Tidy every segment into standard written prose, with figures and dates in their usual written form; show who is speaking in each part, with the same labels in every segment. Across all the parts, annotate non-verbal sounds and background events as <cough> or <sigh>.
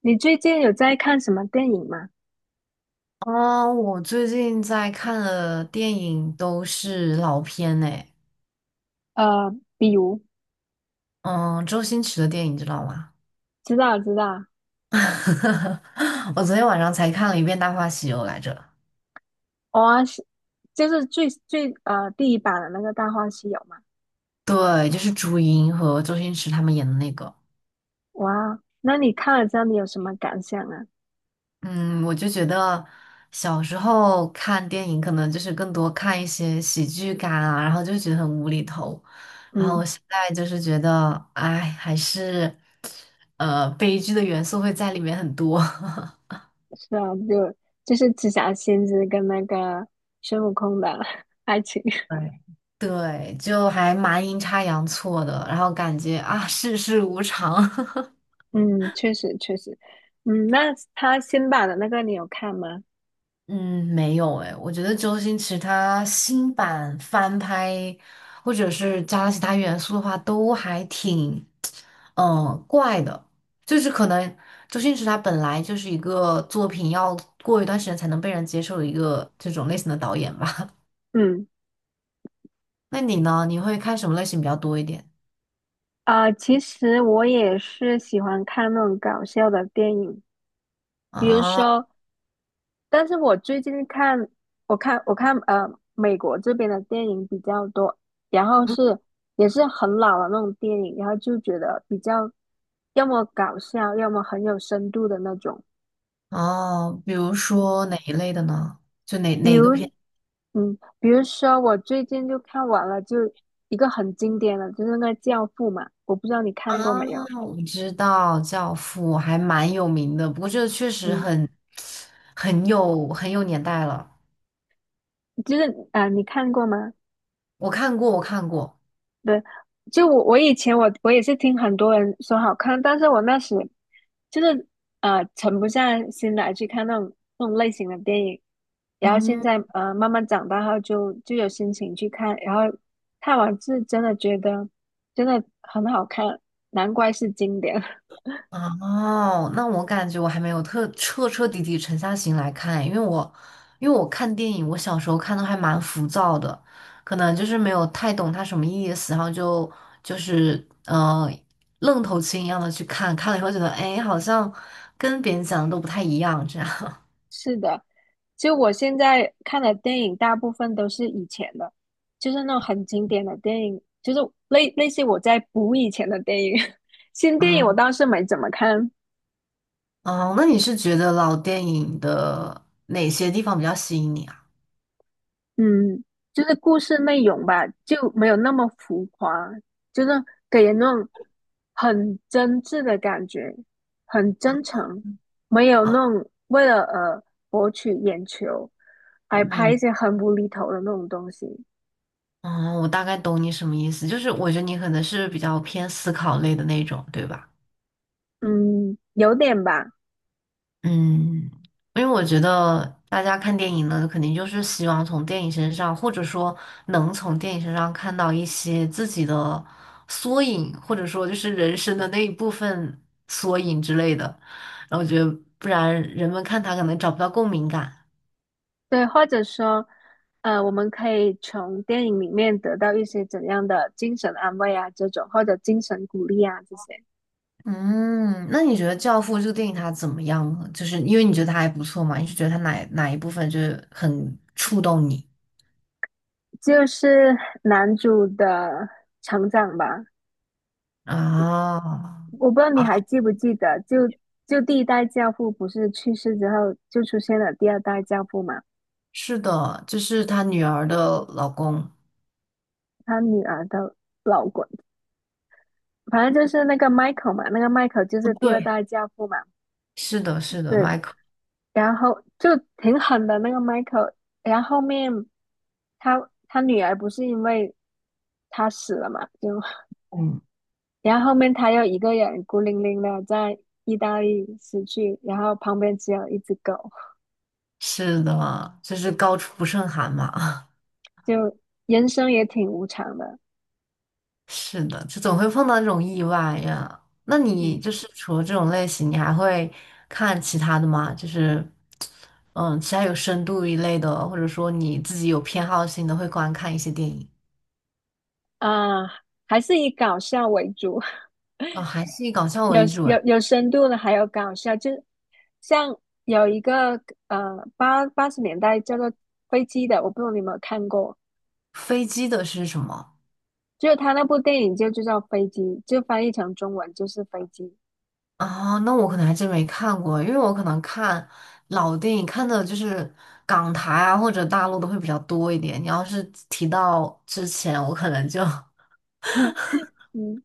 Speaker 1: 你最近有在看什么电影吗？
Speaker 2: 嗯，我最近在看的电影都是老片呢。
Speaker 1: 比如，
Speaker 2: 嗯，周星驰的电影知道吗？
Speaker 1: 知道知道，
Speaker 2: <laughs> 我昨天晚上才看了一遍《大话西游》来着，
Speaker 1: 哇、是就是最第一版的那个《大话西游》嘛。
Speaker 2: 对，就是朱茵和周星驰他们演的那个。
Speaker 1: 哇，那你看了之后你有什么感想啊？
Speaker 2: 嗯，我就觉得小时候看电影可能就是更多看一些喜剧感啊，然后就觉得很无厘头，然
Speaker 1: 嗯，
Speaker 2: 后现在就是觉得，哎，还是悲剧的元素会在里面很多。<laughs>
Speaker 1: 是啊，就就是紫霞仙子跟那个孙悟空的 <laughs> 爱情。
Speaker 2: 对，对，就还蛮阴差阳错的，然后感觉啊，世事无常。<laughs>
Speaker 1: <laughs> 嗯，确实确实。嗯，那他新版的那个你有看吗？
Speaker 2: 嗯，没有诶，我觉得周星驰他新版翻拍，或者是加了其他元素的话，都还挺，嗯，怪的。就是可能周星驰他本来就是一个作品要过一段时间才能被人接受的一个这种类型的导演吧。
Speaker 1: 嗯，
Speaker 2: <laughs> 那你呢？你会看什么类型比较多一点
Speaker 1: 啊、其实我也是喜欢看那种搞笑的电影，比如
Speaker 2: 啊？
Speaker 1: 说。但是我最近看，我看我看呃，美国这边的电影比较多，然后是也是很老的那种电影，然后就觉得比较要么搞笑，要么很有深度的那种。
Speaker 2: 哦，比如说哪一类的呢？就哪
Speaker 1: 比
Speaker 2: 哪
Speaker 1: 如，
Speaker 2: 个片
Speaker 1: 嗯，比如说我最近就看完了，就一个很经典的，就是那个《教父》嘛，我不知道你看过
Speaker 2: 啊
Speaker 1: 没有？
Speaker 2: <sniffs>？我知道《教父》还蛮有名的，不过这个确实
Speaker 1: 嗯，
Speaker 2: 很很有年代了。
Speaker 1: 就是啊、你看过吗？
Speaker 2: 我看过。
Speaker 1: 对，就我以前我也是听很多人说好看，但是我那时就是沉不下心来去看那种类型的电影，然后现
Speaker 2: 嗯。
Speaker 1: 在慢慢长大后就有心情去看，然后看完是真的觉得真的很好看，难怪是经典。
Speaker 2: 哦，那我感觉我还没有特彻彻底底沉下心来看，因为我看电影，我小时候看的还蛮浮躁的，可能就是没有太懂它什么意思，然后就是愣头青一样的去看，看了以后觉得哎，诶好像跟别人讲的都不太一样这样。<laughs>
Speaker 1: 是的，就我现在看的电影，大部分都是以前的，就是那种很经典的电影，就是类似于我在补以前的电影。<laughs> 新电影我
Speaker 2: 嗯，
Speaker 1: 倒是没怎么看，
Speaker 2: 哦，那你是觉得老电影的哪些地方比较吸引你啊？
Speaker 1: 嗯，就是故事内容吧，就没有那么浮夸，就是给人那种很真挚的感觉，很真诚，没有那种为了博取眼球，还拍一
Speaker 2: 明，
Speaker 1: 些很无厘头的那种东西，
Speaker 2: 我大概懂你什么意思，就是我觉得你可能是比较偏思考类的那种，对吧？
Speaker 1: 嗯，有点吧。
Speaker 2: 嗯，因为我觉得大家看电影呢，肯定就是希望从电影身上，或者说能从电影身上看到一些自己的缩影，或者说就是人生的那一部分缩影之类的。然后我觉得，不然人们看他可能找不到共鸣感。
Speaker 1: 对，或者说，呃，我们可以从电影里面得到一些怎样的精神安慰啊，这种或者精神鼓励啊，这些
Speaker 2: 嗯，那你觉得《教父》这个电影它怎么样呢？就是因为你觉得它还不错嘛，你是觉得它哪一部分就是很触动你
Speaker 1: 就是男主的成长吧。
Speaker 2: 啊？
Speaker 1: 我不知道你还记不记得，就第一代教父不是去世之后，就出现了第二代教父嘛，
Speaker 2: 是的，就是她女儿的老公。
Speaker 1: 他女儿的老公，反正就是那个 Michael 嘛，那个 Michael 就
Speaker 2: 哦
Speaker 1: 是第二
Speaker 2: 对，
Speaker 1: 代教父嘛，
Speaker 2: 是的，是的，
Speaker 1: 对，
Speaker 2: 麦克，
Speaker 1: 然后就挺狠的那个 Michael，然后后面。他女儿不是因为他死了嘛，就
Speaker 2: 嗯，
Speaker 1: 然后后面他又一个人孤零零的在意大利死去，然后旁边只有一只狗，
Speaker 2: 是的，就是高处不胜寒嘛，
Speaker 1: 就人生也挺无常的，
Speaker 2: <laughs> 是的，就总会碰到这种意外呀。那你
Speaker 1: 嗯
Speaker 2: 就是除了这种类型，你还会看其他的吗？就是，嗯，其他有深度一类的，或者说你自己有偏好性的，会观看一些电影。
Speaker 1: 啊，还是以搞笑为主，
Speaker 2: 哦，还是以搞
Speaker 1: <laughs>
Speaker 2: 笑为主诶。
Speaker 1: 有深度的，还有搞笑，就像有一个八十年代叫做《飞机》的，我不知道你有没有看过，
Speaker 2: 飞机的是什么？
Speaker 1: 就是他那部电影就叫《飞机》，就翻译成中文就是《飞机》，
Speaker 2: 啊，那我可能还真没看过，因为我可能看老电影看的就是港台啊或者大陆的会比较多一点。你要是提到之前，我可能就
Speaker 1: <laughs> 嗯。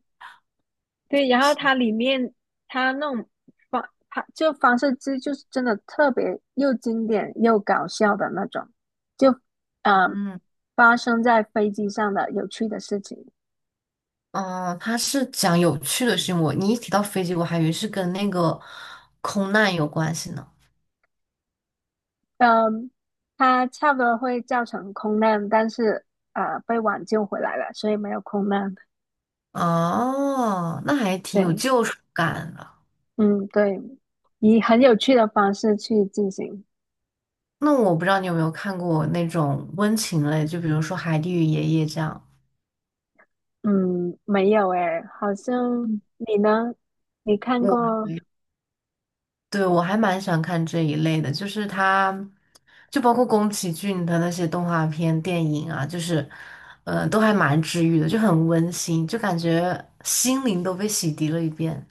Speaker 1: 对，然后它里面它那种方式就是真的特别又经典又搞笑的那种，就
Speaker 2: <laughs>
Speaker 1: 嗯、呃
Speaker 2: 嗯
Speaker 1: 发生在飞机上的有趣的事情，
Speaker 2: 嗯，它是讲有趣的事情。我你一提到飞机，我还以为是跟那个空难有关系呢。
Speaker 1: 嗯、它差不多会造成空难，但是被挽救回来了，所以没有空难。
Speaker 2: 哦，那还挺有
Speaker 1: 对，
Speaker 2: 救赎感的。
Speaker 1: 嗯对，以很有趣的方式去进行。
Speaker 2: 那我不知道你有没有看过那种温情类，就比如说《海蒂与爷爷》这样。
Speaker 1: 嗯，没有诶，好像
Speaker 2: 嗯
Speaker 1: 你呢？你看
Speaker 2: 我
Speaker 1: 过？
Speaker 2: 对，我还蛮喜欢看这一类的，就是它，就包括宫崎骏的那些动画片、电影啊，就是，都还蛮治愈的，就很温馨，就感觉心灵都被洗涤了一遍。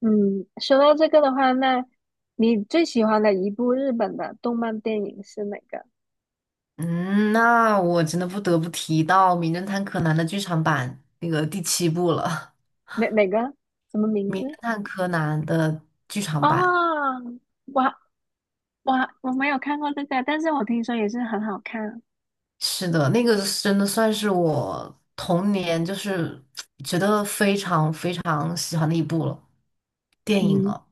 Speaker 1: 嗯，说到这个的话，那你最喜欢的一部日本的动漫电影是哪个？
Speaker 2: 嗯，那我真的不得不提到《名侦探柯南》的剧场版那个第七部了，
Speaker 1: 哪个？什么名
Speaker 2: 《名
Speaker 1: 字？
Speaker 2: 侦探柯南》的剧场版。
Speaker 1: 哦，我我我没有看过这个，但是我听说也是很好看。
Speaker 2: 是的，那个是真的算是我童年就是觉得非常非常喜欢的一部了，电影
Speaker 1: 嗯，
Speaker 2: 了。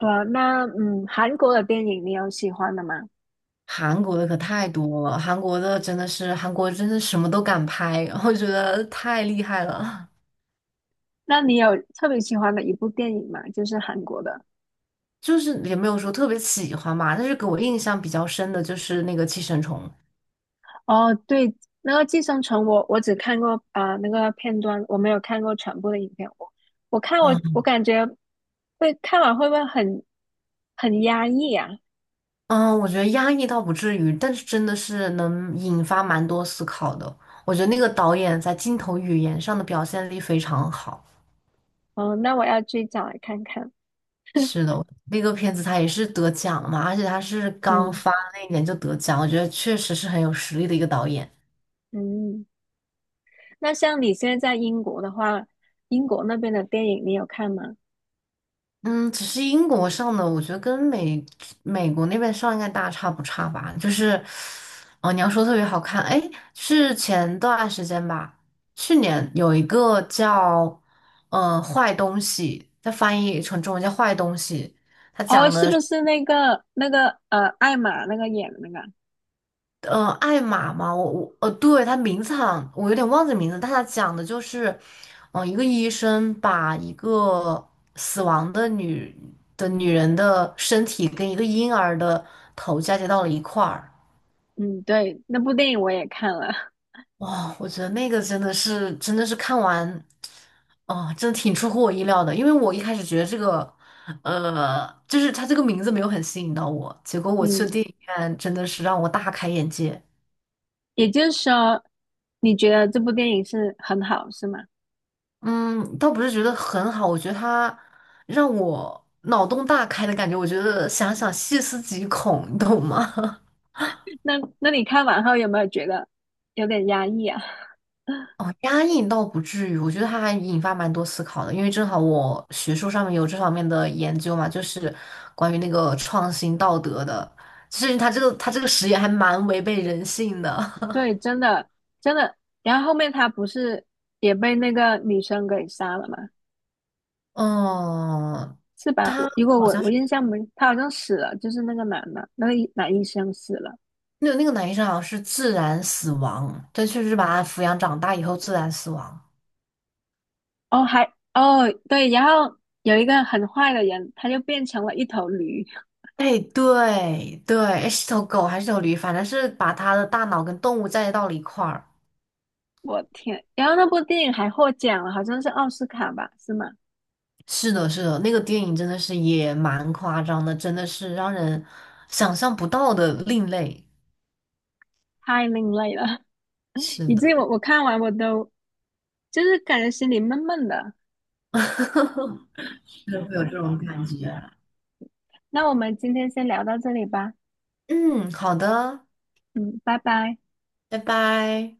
Speaker 1: 呃，那嗯，韩国的电影你有喜欢的吗？
Speaker 2: 韩国的可太多了，韩国的真的是韩国真的什么都敢拍，<laughs> 我觉得太厉害了。
Speaker 1: 那你有特别喜欢的一部电影吗？就是韩国的。
Speaker 2: 就是也没有说特别喜欢吧，但是给我印象比较深的就是那个《寄生虫》。
Speaker 1: 哦，对，那个《寄生虫》我，我只看过啊、那个片段，我没有看过全部的影片。我我看我
Speaker 2: 嗯
Speaker 1: 我感觉会看完会不会很很压抑啊？
Speaker 2: 嗯，我觉得压抑倒不至于，但是真的是能引发蛮多思考的。我觉得那个导演在镜头语言上的表现力非常好。
Speaker 1: 哦，那我要去找来看看。
Speaker 2: 是的，那个片子他也是得奖嘛，而且他是刚
Speaker 1: 嗯
Speaker 2: 发那一年就得奖，我觉得确实是很有实力的一个导演。
Speaker 1: 嗯，那像你现在在英国的话，英国那边的电影你有看吗？
Speaker 2: 嗯，只是英国上的，我觉得跟美国那边上应该大差不差吧。就是，哦，你要说特别好看，哎，是前段时间吧，去年有一个叫《坏东西》，它翻译成中文叫《坏东西》，它
Speaker 1: 哦，
Speaker 2: 讲。
Speaker 1: 是不是那个，艾玛那个演的那个？
Speaker 2: 艾玛嘛，我对，他名字好像我有点忘记名字，但他讲的就是，嗯、一个医生把一个死亡的女人的身体跟一个婴儿的头嫁接到了一块儿。
Speaker 1: 嗯，对，那部电影我也看了。
Speaker 2: 哇，我觉得那个真的是看完，哦、真的挺出乎我意料的，因为我一开始觉得这个，呃，就是他这个名字没有很吸引到我，结果
Speaker 1: <laughs>
Speaker 2: 我去
Speaker 1: 嗯，
Speaker 2: 电影院真的是让我大开眼界。
Speaker 1: 也就是说，你觉得这部电影是很好，是吗？
Speaker 2: 嗯，倒不是觉得很好，我觉得他让我脑洞大开的感觉，我觉得想想细思极恐，你懂吗？<laughs>
Speaker 1: 那你看完后有没有觉得有点压抑啊？
Speaker 2: 哦，压抑倒不至于，我觉得他还引发蛮多思考的，因为正好我学术上面有这方面的研究嘛，就是关于那个创新道德的，其实他这个实验还蛮违背人性
Speaker 1: <laughs>
Speaker 2: 的。
Speaker 1: 对，真的真的。然后后面他不是也被那个女生给杀了吗？
Speaker 2: <laughs> 嗯，
Speaker 1: 是吧？
Speaker 2: 他
Speaker 1: 我如果
Speaker 2: 好
Speaker 1: 我
Speaker 2: 像
Speaker 1: 我
Speaker 2: 是
Speaker 1: 印象没，他好像死了，就是那个男的，那个医生死了。
Speaker 2: 那个男医生好像是自然死亡，对，确实是把他抚养长大以后自然死亡。
Speaker 1: 哦，还哦对，然后有一个很坏的人，他就变成了一头驴。
Speaker 2: 哎，对对，哎是头狗还是头驴，反正是把它的大脑跟动物在到了一块儿。
Speaker 1: 我天！然后那部电影还获奖了，好像是奥斯卡吧？是吗？
Speaker 2: 是的，是的，那个电影真的是也蛮夸张的，真的是让人想象不到的另类。
Speaker 1: 太另类了，<laughs>
Speaker 2: 是
Speaker 1: 以至于
Speaker 2: 的，
Speaker 1: 我看完我都就是感觉心里闷闷的。
Speaker 2: 是会有这种感觉。
Speaker 1: 那我们今天先聊到这里吧，
Speaker 2: 嗯，好的，
Speaker 1: 嗯，拜拜。
Speaker 2: 拜拜。